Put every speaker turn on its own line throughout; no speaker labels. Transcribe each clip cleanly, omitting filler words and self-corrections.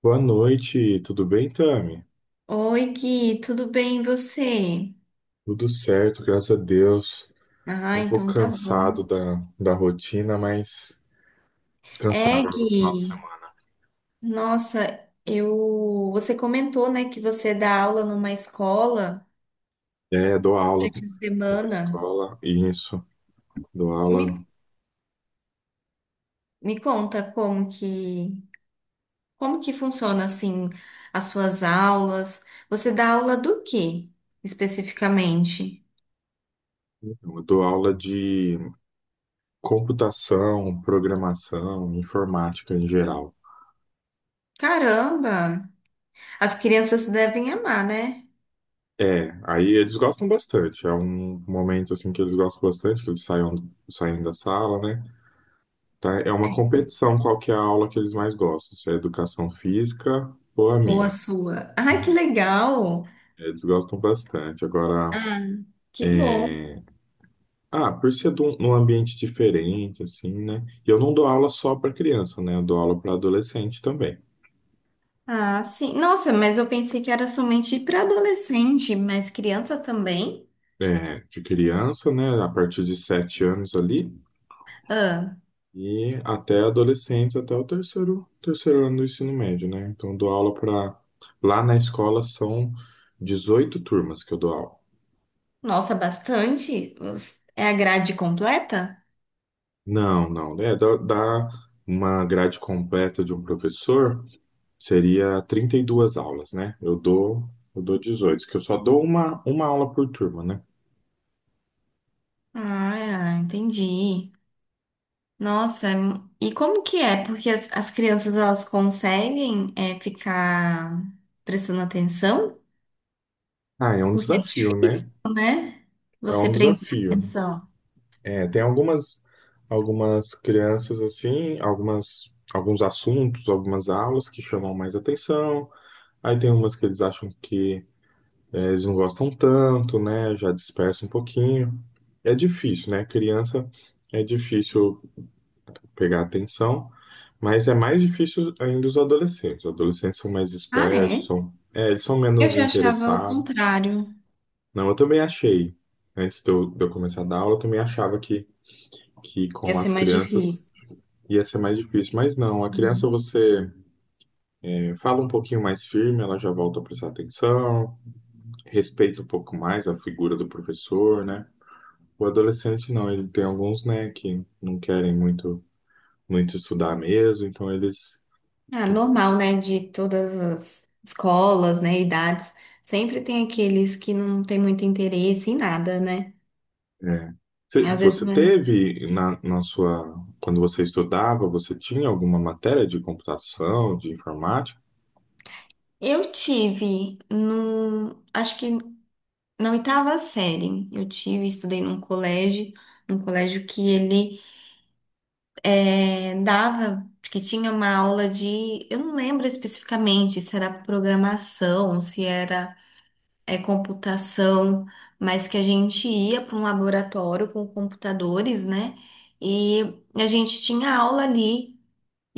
Boa noite, tudo bem, Tami?
Oi, Gui, tudo bem e você?
Tudo certo, graças a Deus.
Ah,
Tô um pouco
então tá
cansado
bom.
da rotina, mas descansar
É,
agora no final de
Gui,
semana.
nossa, você comentou, né, que você dá aula numa escola
É, dou aula
durante a
numa
semana.
escola, isso, dou
Me,
aula,
me conta como que funciona assim as suas aulas? Você dá aula do quê especificamente?
eu dou aula de computação, programação, informática em geral.
Caramba, as crianças devem amar, né?
É, aí eles gostam bastante, é um momento assim que eles gostam bastante, que eles saem da sala, né? Tá? É uma competição qual que é a aula que eles mais gostam, se é educação física ou a
Ou a
minha.
sua? Ai, que legal!
Eles gostam bastante. Agora,
Ah, que bom.
ah, por ser num ambiente diferente, assim, né? E eu não dou aula só para criança, né? Eu dou aula para adolescente também.
Ah, sim. Nossa, mas eu pensei que era somente para adolescente, mas criança também?
É, de criança, né? A partir de 7 anos ali,
Ah,
e até adolescentes, até o terceiro ano do ensino médio, né? Então, eu dou aula para. Lá na escola são 18 turmas que eu dou aula.
nossa, bastante? É a grade completa?
Não, não. É, dá uma grade completa de um professor seria 32 aulas, né? Eu dou 18, que eu só dou uma aula por turma, né?
Ah, entendi. Nossa, e como que é? Porque as crianças elas conseguem é, ficar prestando atenção?
Ah, é um
Porque é
desafio, né?
difícil, né?
É
Você
um
prender
desafio.
atenção.
É, tem algumas crianças assim, algumas, alguns assuntos, algumas aulas que chamam mais atenção. Aí tem umas que eles acham que eles não gostam tanto, né? Já dispersa um pouquinho. É difícil, né? Criança é difícil pegar atenção, mas é mais difícil ainda os adolescentes. Os adolescentes são mais
Ah, é?
dispersos, são, é, eles são
Eu
menos
já achava o
interessados.
contrário.
Não, eu também achei, antes de eu, começar a dar aula, eu também achava que
Ia
com
ser
as
mais
crianças
difícil.
ia ser mais difícil, mas não, a criança você fala um pouquinho mais firme, ela já volta a prestar atenção, respeita um pouco mais a figura do professor, né? O adolescente não, ele tem alguns, né, que não querem muito, muito estudar mesmo, então eles.
Ah, normal, né? De todas as escolas, né? Idades. Sempre tem aqueles que não têm muito interesse em nada, né?
É. Você
Às vezes
você
não é-
teve na sua, quando você estudava, você tinha alguma matéria de computação, de informática?
Eu tive no, acho que na oitava série, eu tive, estudei num colégio que eh, dava, que tinha uma aula de, eu não lembro especificamente se era programação, se era computação, mas que a gente ia para um laboratório com computadores, né? E a gente tinha aula ali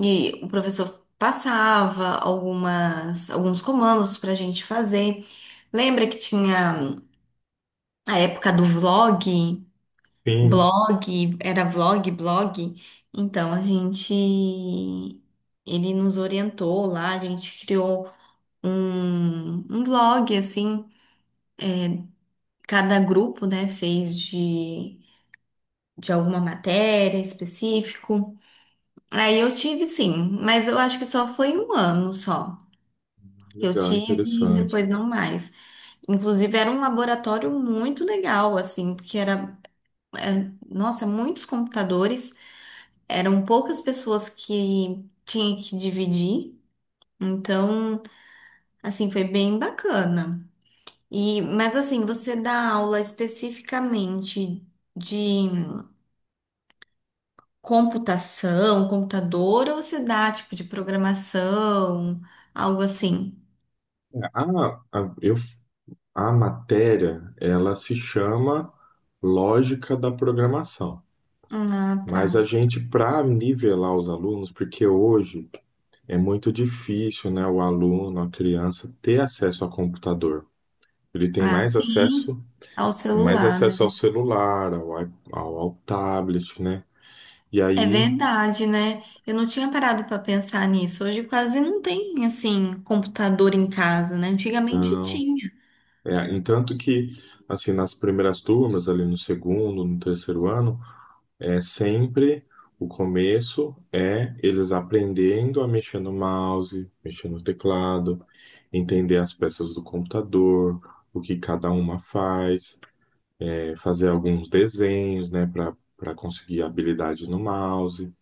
e o professor passava algumas alguns comandos para a gente fazer. Lembra que tinha a época do vlog,
Sim,
blog, era vlog, blog? Então a gente ele nos orientou lá, a gente criou um vlog assim. Cada grupo, né, fez de alguma matéria específico. Aí eu tive sim, mas eu acho que só foi um ano só que eu
legal,
tive e
interessante.
depois não mais. Inclusive era um laboratório muito legal, assim, porque nossa, muitos computadores, eram poucas pessoas que tinha que dividir. Então, assim, foi bem bacana. E, mas assim, você dá aula especificamente de computação, computador, ou se dá tipo de programação, algo assim?
A, a, eu, a matéria, ela se chama Lógica da Programação.
Ah, tá.
Mas a gente, para nivelar os alunos, porque hoje é muito difícil, né, o aluno, a criança, ter acesso a computador. Ele tem
Ah,
mais
sim,
acesso
ao
Tem mais
celular, né?
acesso ao celular, ao tablet, né? E
É
aí,
verdade, né? Eu não tinha parado para pensar nisso. Hoje quase não tem, assim, computador em casa, né? Antigamente
não.
tinha.
É, entanto que, assim, nas primeiras turmas, ali no segundo, no terceiro ano, é sempre o começo é eles aprendendo a mexer no mouse, mexer no teclado, entender as peças do computador, o que cada uma faz, é, fazer alguns desenhos, né, para conseguir habilidade no mouse.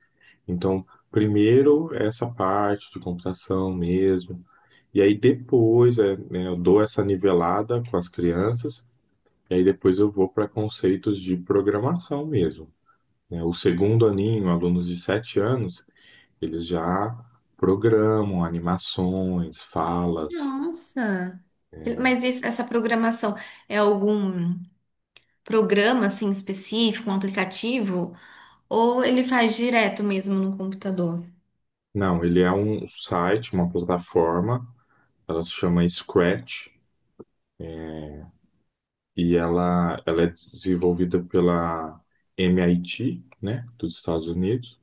Então, primeiro essa parte de computação mesmo, e aí depois é, né, eu dou essa nivelada com as crianças, e aí depois eu vou para conceitos de programação mesmo. Né? O segundo aninho, alunos de 7 anos, eles já programam animações, falas.
Nossa. Mas essa programação é algum programa, assim, específico, um aplicativo? Ou ele faz direto mesmo no computador?
Não, ele é um site, uma plataforma, ela se chama Scratch, e ela é desenvolvida pela MIT, né, dos Estados Unidos.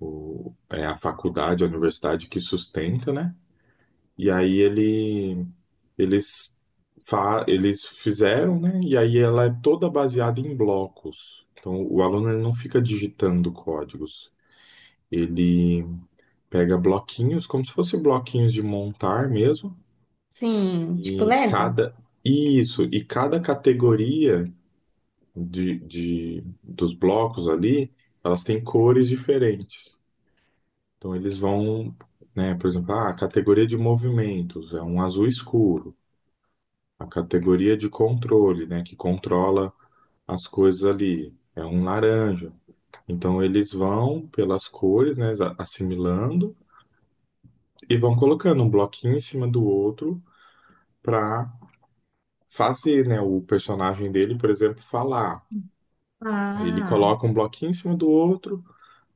É a faculdade, a universidade que sustenta, né? E aí eles, eles fizeram, né? E aí ela é toda baseada em blocos. Então o aluno ele não fica digitando códigos. Ele pega bloquinhos, como se fossem bloquinhos de montar mesmo,
Sim, tipo
e
Lego?
cada isso, e cada categoria dos blocos ali, elas têm cores diferentes. Então eles vão, né, por exemplo, ah, a categoria de movimentos é um azul escuro, a categoria de controle, né, que controla as coisas ali, é um laranja. Então eles vão pelas cores, né, assimilando e vão colocando um bloquinho em cima do outro para fazer, né, o personagem dele, por exemplo, falar. Aí ele
Ah.
coloca um bloquinho em cima do outro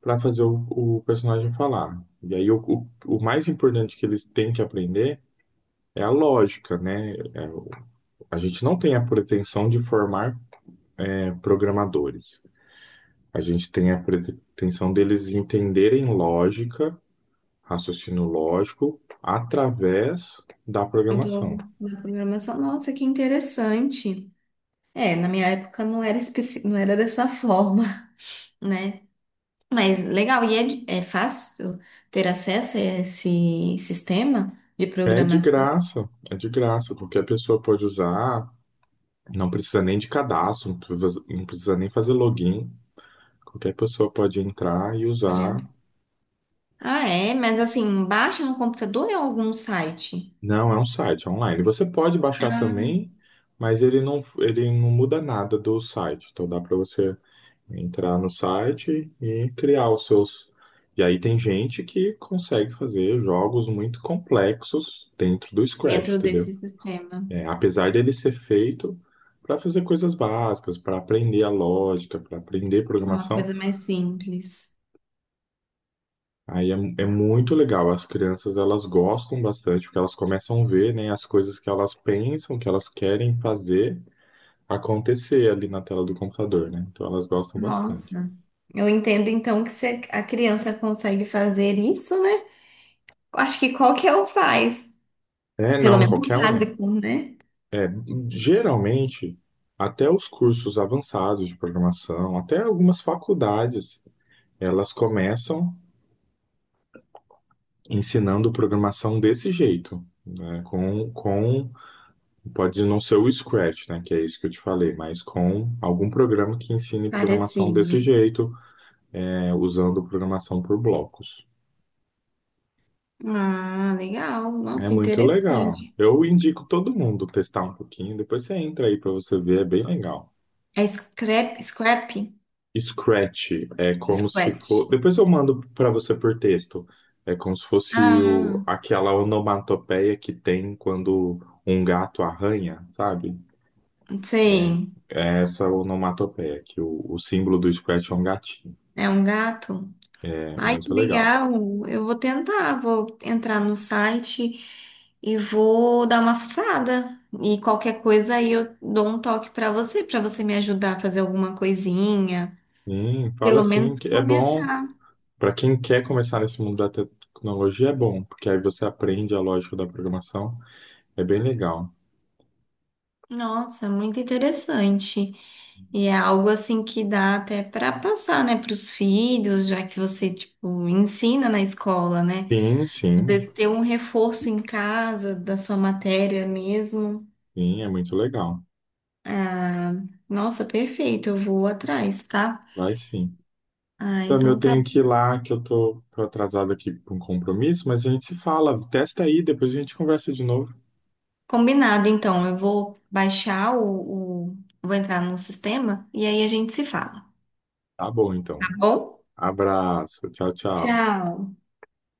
para fazer o personagem falar. E aí o mais importante que eles têm que aprender é a lógica, né? A gente não tem a pretensão de formar, programadores. A gente tem a pretensão deles entenderem lógica, raciocínio lógico, através da programação.
Do, da programação. Nossa, que interessante. É, na minha época não era, não era dessa forma, né? Mas legal, é fácil ter acesso a esse sistema de
É de
programação,
graça, é de graça. Qualquer pessoa pode usar, não precisa nem de cadastro, não precisa nem fazer login. Qualquer pessoa pode entrar e usar.
gente? Ah, é, mas assim, baixa no computador ou em algum site?
Não, é um site online. Você pode baixar
Ah,
também, mas ele não muda nada do site. Então dá para você entrar no site e criar os seus. E aí tem gente que consegue fazer jogos muito complexos dentro do Scratch,
dentro
entendeu?
desse sistema?
É, apesar dele ser feito para fazer coisas básicas, para aprender a lógica, para aprender
Uma
programação.
coisa mais simples.
Aí é muito legal. As crianças elas gostam bastante porque elas começam a ver, né, as coisas que elas pensam, que elas querem fazer acontecer ali na tela do computador, né? Então elas gostam bastante.
Nossa. Eu entendo então que se a criança consegue fazer isso, né? Acho que qualquer um faz.
É,
Pelo
não,
menos o
qualquer um.
básico, né?
É, geralmente até os cursos avançados de programação, até algumas faculdades, elas começam ensinando programação desse jeito, né? Com Pode não ser o Scratch, né, que é isso que eu te falei, mas com algum programa que ensine programação desse
Parecido.
jeito, né, usando programação por blocos.
Ah, legal.
É
Nossa,
muito legal.
interessante.
Eu indico todo mundo testar um pouquinho, depois você entra aí para você ver, é bem legal.
É scrap, scrap?
Scratch é como se for,
Scratch.
depois eu mando para você por texto. É como se fosse
Ah,
aquela onomatopeia que tem quando um gato arranha, sabe?
sei.
É essa onomatopeia, que o símbolo do Scratch é um gatinho.
É um gato.
É
Ai, que
muito legal.
legal. Eu vou tentar. Vou entrar no site e vou dar uma fuçada. E qualquer coisa aí eu dou um toque pra você me ajudar a fazer alguma coisinha.
Sim, fala
Pelo
assim
menos
que é bom
começar.
para quem quer começar nesse mundo da tecnologia, é bom, porque aí você aprende a lógica da programação, é bem legal.
Nossa, muito interessante. E é algo assim que dá até para passar, né, para os filhos, já que você, tipo, ensina na escola, né?
Sim, sim,
Poder ter um reforço em casa da sua matéria mesmo.
sim, é muito legal.
Ah, nossa, perfeito, eu vou atrás, tá?
Vai sim.
Ah,
Então
então
eu
tá
tenho que ir lá, que eu tô atrasado aqui para um compromisso, mas a gente se fala. Testa aí, depois a gente conversa de novo.
combinado. Então, eu vou baixar o... Vou entrar no sistema e aí a gente se fala,
Tá bom,
tá
então.
bom?
Abraço, tchau, tchau.
Tchau!